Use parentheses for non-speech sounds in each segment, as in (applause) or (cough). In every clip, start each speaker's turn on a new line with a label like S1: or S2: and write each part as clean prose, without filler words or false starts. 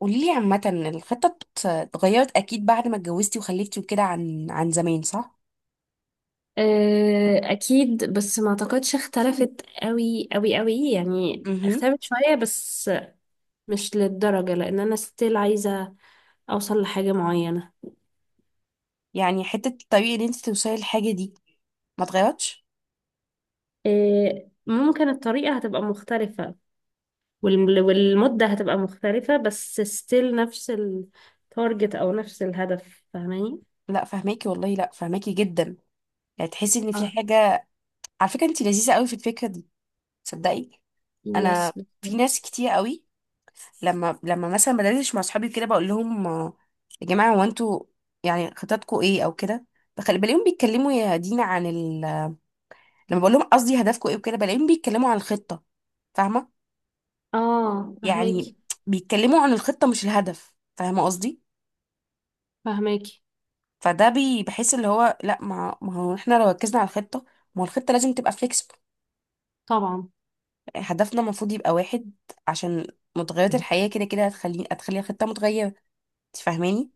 S1: قولي لي عامة. الخطة اتغيرت أكيد بعد ما اتجوزتي وخلفتي وكده عن زمان، صح؟
S2: آه، اكيد. بس ما اعتقدش اختلفت قوي قوي قوي، يعني
S1: امم
S2: اختلفت شوية بس، مش للدرجة، لان انا ستيل عايزة اوصل لحاجة معينة.
S1: يعني حتة الطريقة اللي انت توصلي للحاجة دي ما اتغيرتش؟
S2: آه، ممكن الطريقة هتبقى مختلفة والمدة هتبقى مختلفة، بس ستيل نفس التارجت او نفس الهدف، فاهماني؟
S1: لا فهماكي والله، لا فهماكي جدا. يعني تحسي ان في
S2: اه.
S1: حاجة. على فكرة انت لذيذة قوي في الفكرة دي، تصدقي. انا
S2: يس.
S1: في ناس
S2: بالظبط.
S1: كتير قوي لما مثلا بدردش مع اصحابي كده بقول لهم، يا جماعة هو انتوا يعني خططكم ايه او كده، بخلي بلاقيهم بيتكلموا يا دينا عن لما بقول لهم قصدي هدفكم ايه وكده بلاقيهم بيتكلموا عن الخطة، فاهمة
S2: اه
S1: يعني؟
S2: فهماكي،
S1: بيتكلموا عن الخطة مش الهدف، فاهمة قصدي؟
S2: فهماكي.
S1: فده بحس اللي هو لا، ما هو احنا لو ركزنا على الخطة، ما هو الخطة لازم تبقى فليكسبل.
S2: طبعا.
S1: هدفنا المفروض يبقى واحد، عشان متغيرات الحياة كده هتخلي الخطة متغيرة، انت فاهماني؟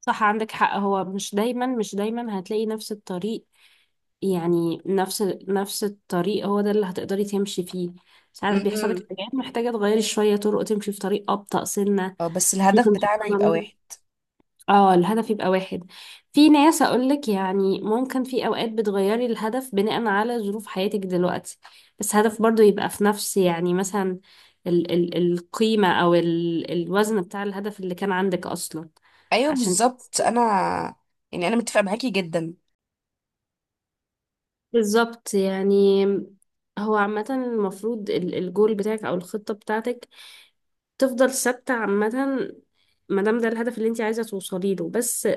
S2: صح، عندك حق. هو مش دايما، مش دايما هتلاقي نفس الطريق، يعني نفس الطريق هو ده اللي هتقدري تمشي فيه. ساعات بيحصلك
S1: مهم.
S2: حاجات محتاجة تغيري شوية طرق، تمشي في طريق أبطأ سنة.
S1: اه بس الهدف
S2: ممكن.
S1: بتاعنا
S2: سبحان
S1: يبقى
S2: الله.
S1: واحد.
S2: اه الهدف يبقى واحد. في ناس أقولك يعني ممكن في أوقات بتغيري الهدف بناء على ظروف حياتك دلوقتي، بس هدف برضو يبقى في نفس، يعني مثلا ال القيمة، أو الوزن بتاع الهدف اللي كان عندك أصلا،
S1: ايوه
S2: عشان.
S1: بالظبط انا، يعني انا متفقة معاكي جدا.
S2: بالظبط يعني. هو عامة المفروض الجول بتاعك أو الخطة بتاعتك تفضل ثابتة عامة، ما دام ده الهدف اللي انت عايزة توصلي له، بس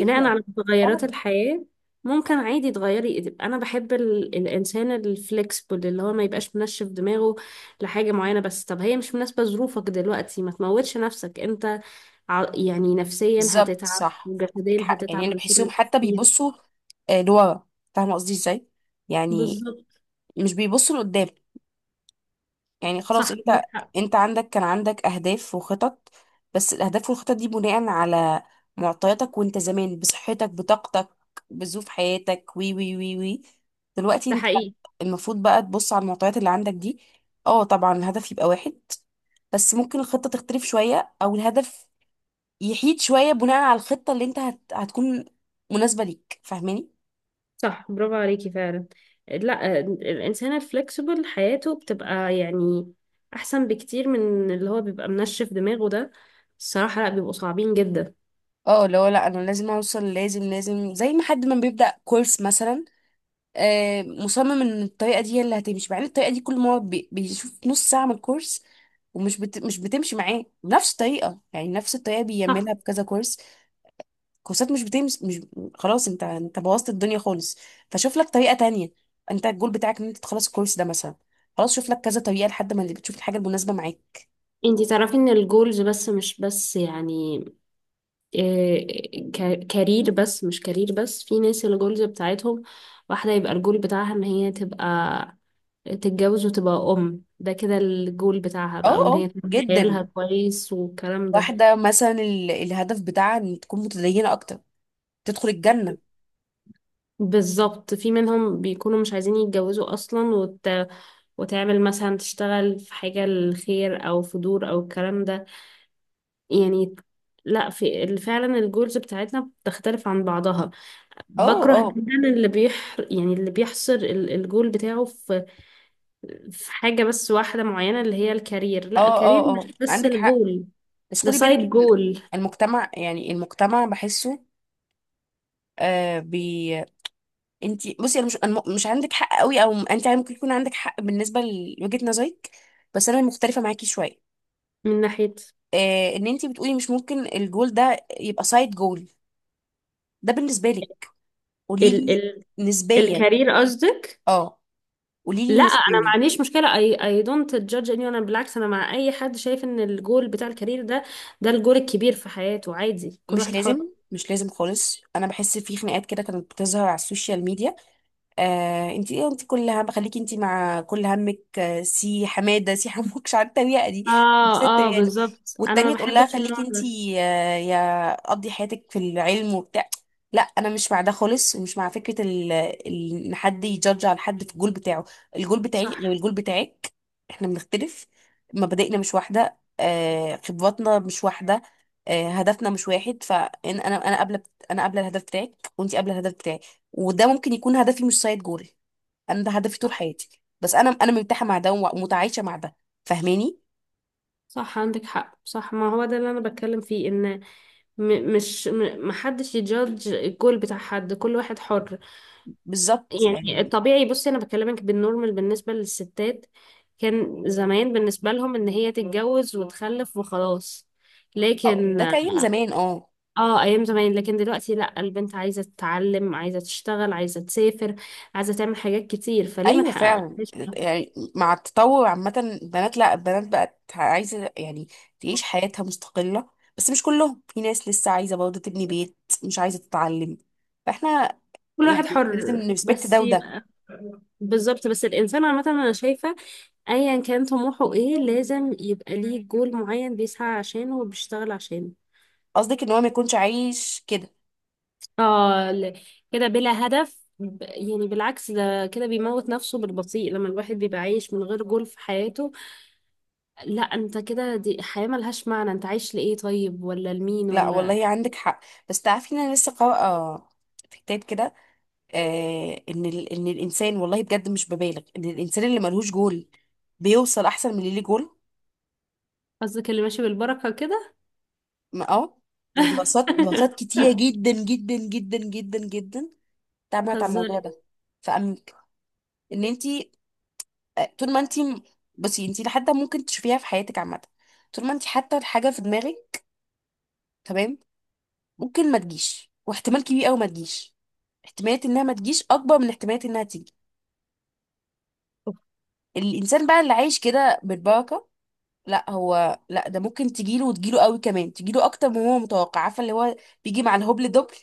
S2: بناء على تغيرات
S1: فعلا.
S2: الحياة ممكن عادي تغيري تبقى. أنا بحب الإنسان الفلكسبل، اللي هو ما يبقاش منشف دماغه لحاجة معينة. بس طب هي مش مناسبة ظروفك دلوقتي، ما تموتش نفسك انت. يعني نفسيا
S1: بالظبط،
S2: هتتعب،
S1: صح عندك
S2: وجسديا
S1: حق. يعني
S2: هتتعب
S1: انا
S2: من كتر
S1: بحسهم حتى
S2: التفكير.
S1: بيبصوا لورا. فاهمة قصدي ازاي يعني؟
S2: بالظبط.
S1: مش بيبصوا لقدام. يعني خلاص
S2: صح
S1: انت،
S2: عندك حق.
S1: عندك كان عندك اهداف وخطط، بس الاهداف والخطط دي بناء على معطياتك وانت زمان، بصحتك بطاقتك بظروف حياتك وي. دلوقتي
S2: ده
S1: انت
S2: حقيقي.
S1: المفروض بقى تبص على المعطيات اللي عندك دي. اه طبعا الهدف يبقى واحد، بس ممكن الخطة تختلف شوية او الهدف يحيد شوية بناء على الخطة اللي انت هتكون مناسبة ليك، فاهماني؟
S2: صح، برافو عليكي فعلا. لا الإنسان الفلكسبل حياته بتبقى يعني أحسن بكتير من اللي هو بيبقى منشف دماغه ده. الصراحة لا، بيبقوا صعبين جدا.
S1: اه اللي هو لا انا لازم اوصل، لازم زي ما حد ما بيبدأ كورس مثلا مصمم ان الطريقه دي هي اللي هتمشي، مع ان الطريقه دي كل ما هو بيشوف نص ساعه من الكورس ومش مش بتمشي معاه بنفس الطريقه، يعني نفس الطريقه
S2: صح.
S1: بيعملها بكذا كورس، كورسات مش بتمشي. مش خلاص انت، بوظت الدنيا خالص، فشوف لك طريقه تانية. انت الجول بتاعك ان انت تخلص الكورس ده مثلا، خلاص شوف لك كذا طريقه لحد ما اللي بتشوف الحاجه المناسبه معاك.
S2: انتي تعرفي ان الجولز بس، مش بس يعني إيه كارير، بس مش كارير بس. في ناس الجولز بتاعتهم واحدة، يبقى الجول بتاعها ان هي تبقى تتجوز وتبقى أم، ده كده الجول بتاعها
S1: اه
S2: بقى، وان
S1: اه
S2: هي تربي عيالها
S1: جدا.
S2: كويس والكلام ده.
S1: واحده مثلا الهدف بتاعها ان تكون متدينه اكتر، تدخل الجنه.
S2: بالظبط. في منهم بيكونوا مش عايزين يتجوزوا أصلا، وتعمل مثلا، تشتغل في حاجة للخير أو في دور أو الكلام ده يعني. لا في فعلا الجولز بتاعتنا بتختلف عن بعضها.
S1: اه
S2: بكره
S1: اه
S2: جدا اللي بيح يعني اللي بيحصر الجول بتاعه في في حاجة بس واحدة معينة، اللي هي الكارير. لا،
S1: اه.
S2: الكارير
S1: اه اه
S2: مش بس
S1: عندك حق،
S2: الجول،
S1: بس
S2: ده
S1: خدي بالك
S2: سايد
S1: إن
S2: جول.
S1: المجتمع، يعني المجتمع بحسه آه بي، انت بصي انا مش مش عندك حق قوي، او انت يعني ممكن يكون عندك حق بالنسبه لوجهه نظرك، بس انا مختلفه معاكي شويه.
S2: من ناحية
S1: آه ان انت بتقولي مش ممكن الجول ده يبقى سايد جول، ده بالنسبه لك. قولي
S2: ال...
S1: لي
S2: ال...
S1: نسبيا.
S2: الكارير قصدك؟
S1: اه، قولي
S2: لا،
S1: لي
S2: انا ما
S1: نسبيا.
S2: عنديش مشكله. اي دونت جادج. اني انا بالعكس انا مع اي حد شايف ان الجول بتاع الكارير ده، ده الجول الكبير في حياته. عادي، كل
S1: مش
S2: واحد حر.
S1: لازم، مش لازم خالص. انا بحس في خناقات كده كانت بتظهر على السوشيال ميديا، آه انت ايه، انت كل هم، خليكي انت مع كل همك، سي حماده سي حموك، مش عارفه التريقه دي. بس
S2: اه اه،
S1: التريقه دي
S2: بالظبط، انا ما
S1: والتانيه تقول لها
S2: بحبش
S1: خليكي
S2: النوع
S1: انت،
S2: ده.
S1: يا قضي حياتك في العلم وبتاع. لا انا مش مع ده خالص، ومش مع فكره ان حد يجادج على حد في الجول بتاعه. الجول بتاعي
S2: صح.
S1: غير الجول بتاعك، احنا بنختلف، مبادئنا مش واحده، خبراتنا مش واحده، هدفنا مش واحد. فانا انا قابله، انا قابله الهدف بتاعك، وانت قابله الهدف بتاعك، وده ممكن يكون هدفي مش سايد جول، انا ده هدفي طول
S2: صح.
S1: حياتي، بس انا مرتاحه مع ده ومتعايشه مع ده، فاهماني؟
S2: صح، عندك حق. صح، ما هو ده اللي انا بتكلم فيه، ان م مش م محدش يجادج الجول بتاع حد، كل واحد حر
S1: بالظبط
S2: يعني.
S1: يعني.
S2: الطبيعي، بصي انا بكلمك بالنورمال بالنسبه للستات، كان زمان بالنسبه لهم ان هي تتجوز وتخلف وخلاص،
S1: اه
S2: لكن.
S1: ده كان زمان اه.
S2: اه، ايام زمان. لكن دلوقتي لا، البنت عايزه تتعلم، عايزه تشتغل، عايزه تسافر، عايزه تعمل حاجات كتير، فليه ما
S1: ايوه فعلا،
S2: نحققهاش ده؟
S1: يعني مع التطور عامه البنات، لا البنات بقت عايزه يعني تعيش حياتها مستقله، بس مش كلهم، في ناس لسه عايزه برضه تبني بيت، مش عايزه تتعلم. فاحنا
S2: كل
S1: يعني
S2: واحد
S1: احنا لازم
S2: حر،
S1: نرسبكت
S2: بس
S1: ده وده.
S2: يبقى. بالظبط. بس الانسان عامه انا شايفه ايا كان طموحه ايه لازم يبقى ليه جول معين بيسعى عشانه وبيشتغل عشانه.
S1: قصدك ان هو ما يكونش عايش كده.
S2: اه ل- كده بلا هدف، يعني بالعكس، ده كده بيموت نفسه بالبطيء لما الواحد بيبقى عايش من غير جول في حياته. لا انت كده، دي حياة ملهاش معنى. انت عايش لإيه طيب، ولا لمين،
S1: لا
S2: ولا.
S1: والله عندك حق. بس تعرفي ان انا لسه قارئه في كتاب كده آه ان ان الانسان، والله بجد مش ببالغ، ان الانسان اللي ملهوش جول بيوصل احسن من اللي ليه جول.
S2: قصدك اللي ماشي بالبركة كده.
S1: اه. ودراسات، دراسات
S2: (laughs)
S1: كتيره جدا جدا جدا جدا جدا اتعملت على الموضوع
S2: تهزري.
S1: ده. فأمك ان انت، طول ما انت بصي، انت لحد ممكن تشوفيها في حياتك عامه، طول ما انت حاطه الحاجه في دماغك، تمام، ممكن ما تجيش، واحتمال كبير قوي ما تجيش، احتماليه انها ما تجيش اكبر من احتماليه انها تيجي. الانسان بقى اللي عايش كده بالبركه، لا هو لا، ده ممكن تجيله وتجيله قوي، كمان تجيله اكتر من هو متوقع، عارفه اللي هو بيجي مع الهبل دبل.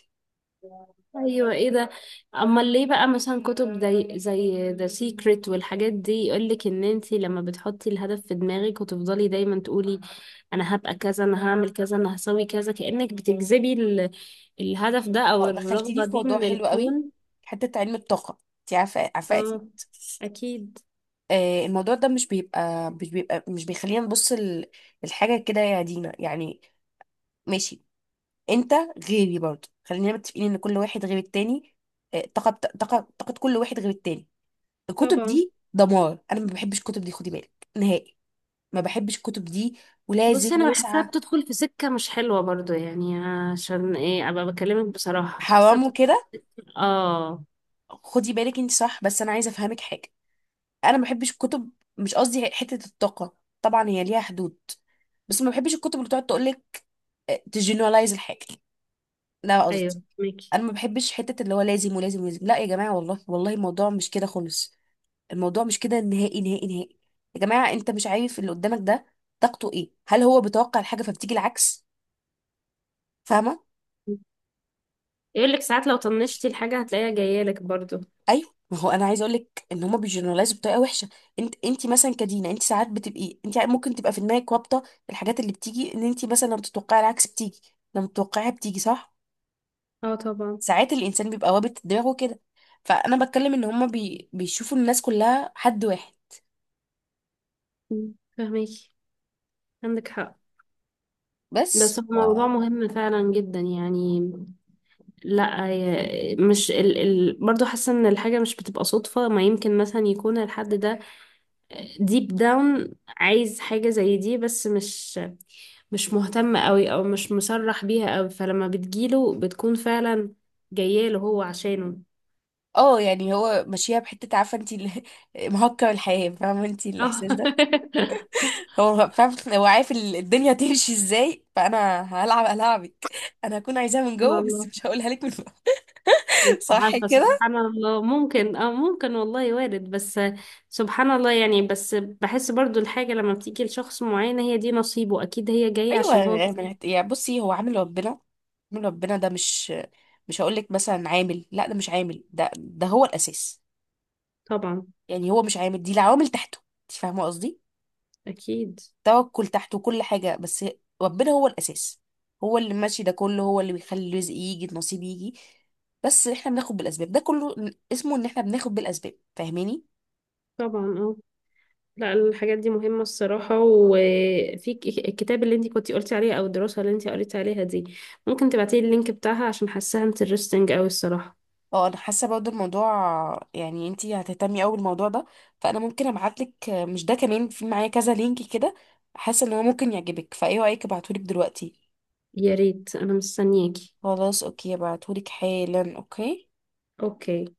S2: ايوه ايه ده. امال ليه بقى مثلا كتب زي ذا سيكريت والحاجات دي، يقولك ان انتي لما بتحطي الهدف في دماغك وتفضلي دايما تقولي انا هبقى كذا، انا هعمل كذا، انا هسوي كذا، كأنك بتجذبي الهدف ده او
S1: دخلتيني
S2: الرغبة
S1: في
S2: دي
S1: موضوع
S2: من
S1: حلو قوي.
S2: الكون.
S1: حته علم الطاقه، انت عارفه، عارفه اكيد.
S2: اه. اكيد.
S1: آه الموضوع ده مش بيبقى مش بيخلينا نبص الحاجه كده يا دينا، يعني ماشي. انت غيري برضه، خلينا متفقين ان كل واحد غير التاني، طاقه طاقه كل واحد غير التاني. الكتب
S2: طبعا.
S1: دي دمار، انا ما بحبش الكتب دي، خدي بالك نهائي ما بحبش الكتب دي،
S2: بصي
S1: ولازم
S2: انا بحسها
S1: وسعه
S2: بتدخل في سكة مش حلوة برضو، يعني عشان ايه ابقى بكلمك بصراحة،
S1: حرام وكده.
S2: اه.
S1: خدي بالك، انت صح، بس انا عايزه افهمك حاجه. انا ما بحبش الكتب، مش قصدي حته الطاقه، طبعا هي ليها حدود، بس ما بحبش الكتب اللي تقعد تقول لك تجنرالايز الحاجه. لا قصدي
S2: ايوه ميكي.
S1: انا ما بحبش حته اللي هو لازم ولازم. لا يا جماعه، والله والله الموضوع مش كده خالص، الموضوع مش كده، نهائي. يا جماعه انت مش عارف اللي قدامك ده طاقته ايه، هل هو بيتوقع الحاجه فبتيجي العكس، فاهمه؟
S2: يقول لك ساعات لو طنشتي الحاجة هتلاقيها جاية لك برضو.
S1: ايوه ما هو انا عايزه اقول لك ان هما بيجنرالايزوا بطريقه وحشه. انت، مثلا كدينا، انت ساعات بتبقي، انت ممكن تبقى في دماغك رابطه الحاجات اللي بتيجي، ان انت مثلا لما بتتوقعي العكس بتيجي، لما بتتوقعيها بتيجي، صح؟
S2: اه طبعا.
S1: ساعات الانسان بيبقى رابط دماغه كده. فانا بتكلم ان هما بيشوفوا الناس كلها حد واحد.
S2: مم، فهميكي. عندك حق. بس
S1: بس
S2: هو موضوع مهم فعلا جدا يعني. لا مش برضو حاسة ان الحاجة مش بتبقى صدفة. ما يمكن مثلا يكون الحد ده ديب داون عايز حاجة زي دي، بس مش مهتم قوي، او مش مصرح بيها قوي، فلما بتجيله بتكون فعلا جاية له هو عشانه.
S1: اه يعني هو ماشيها بحته، عارفه انت (laughs) مهكر الحياه، فاهمه انت
S2: اه.
S1: الاحساس ده؟
S2: (laughs)
S1: هو فاهم، هو عارف الدنيا تمشي ازاي، فانا هلعب العبك، انا هكون عايزاها من
S2: سبحان
S1: جوه بس
S2: الله.
S1: مش هقولها لك من.
S2: مش
S1: صح
S2: عارفة،
S1: كده.
S2: سبحان الله. ممكن، اه ممكن والله وارد. بس سبحان الله يعني. بس بحس برضو الحاجة لما بتيجي لشخص معين، هي دي نصيبه أكيد، هي جاية
S1: ايوه
S2: عشان
S1: يعني، يعني بصي هو عامل ربنا، عامل ربنا ده مش، مش هقول لك مثلا عامل، لا ده مش عامل، ده ده هو الاساس،
S2: طبعا.
S1: يعني هو مش عامل دي العوامل تحته، انت فاهمه قصدي؟
S2: أكيد.
S1: توكل تحته كل حاجه، بس ربنا هو الاساس، هو اللي ماشي ده كله، هو اللي بيخلي الرزق يجي النصيب يجي، بس احنا بناخد بالاسباب ده كله، اسمه ان احنا بناخد بالاسباب، فاهماني؟
S2: طبعا. اه. لا الحاجات دي مهمة الصراحة. وفي الكتاب اللي انتي كنتي قلتي عليه، أو الدراسة اللي انتي قريتي عليها دي، ممكن تبعتيلي اللينك بتاعها؟ عشان حاساها انترستنج أوي الصراحة.
S1: اه انا حاسه برضه الموضوع، يعني انتي هتهتمي قوي بالموضوع ده، فانا ممكن ابعتلك، مش ده كمان في معايا كذا لينك كده، حاسه ان هو ممكن يعجبك، فايه رايك ابعتهولك دلوقتي؟
S2: يا ريت، أنا مستنياكي.
S1: خلاص اوكي، ابعتهولك حالا، اوكي.
S2: أوكي.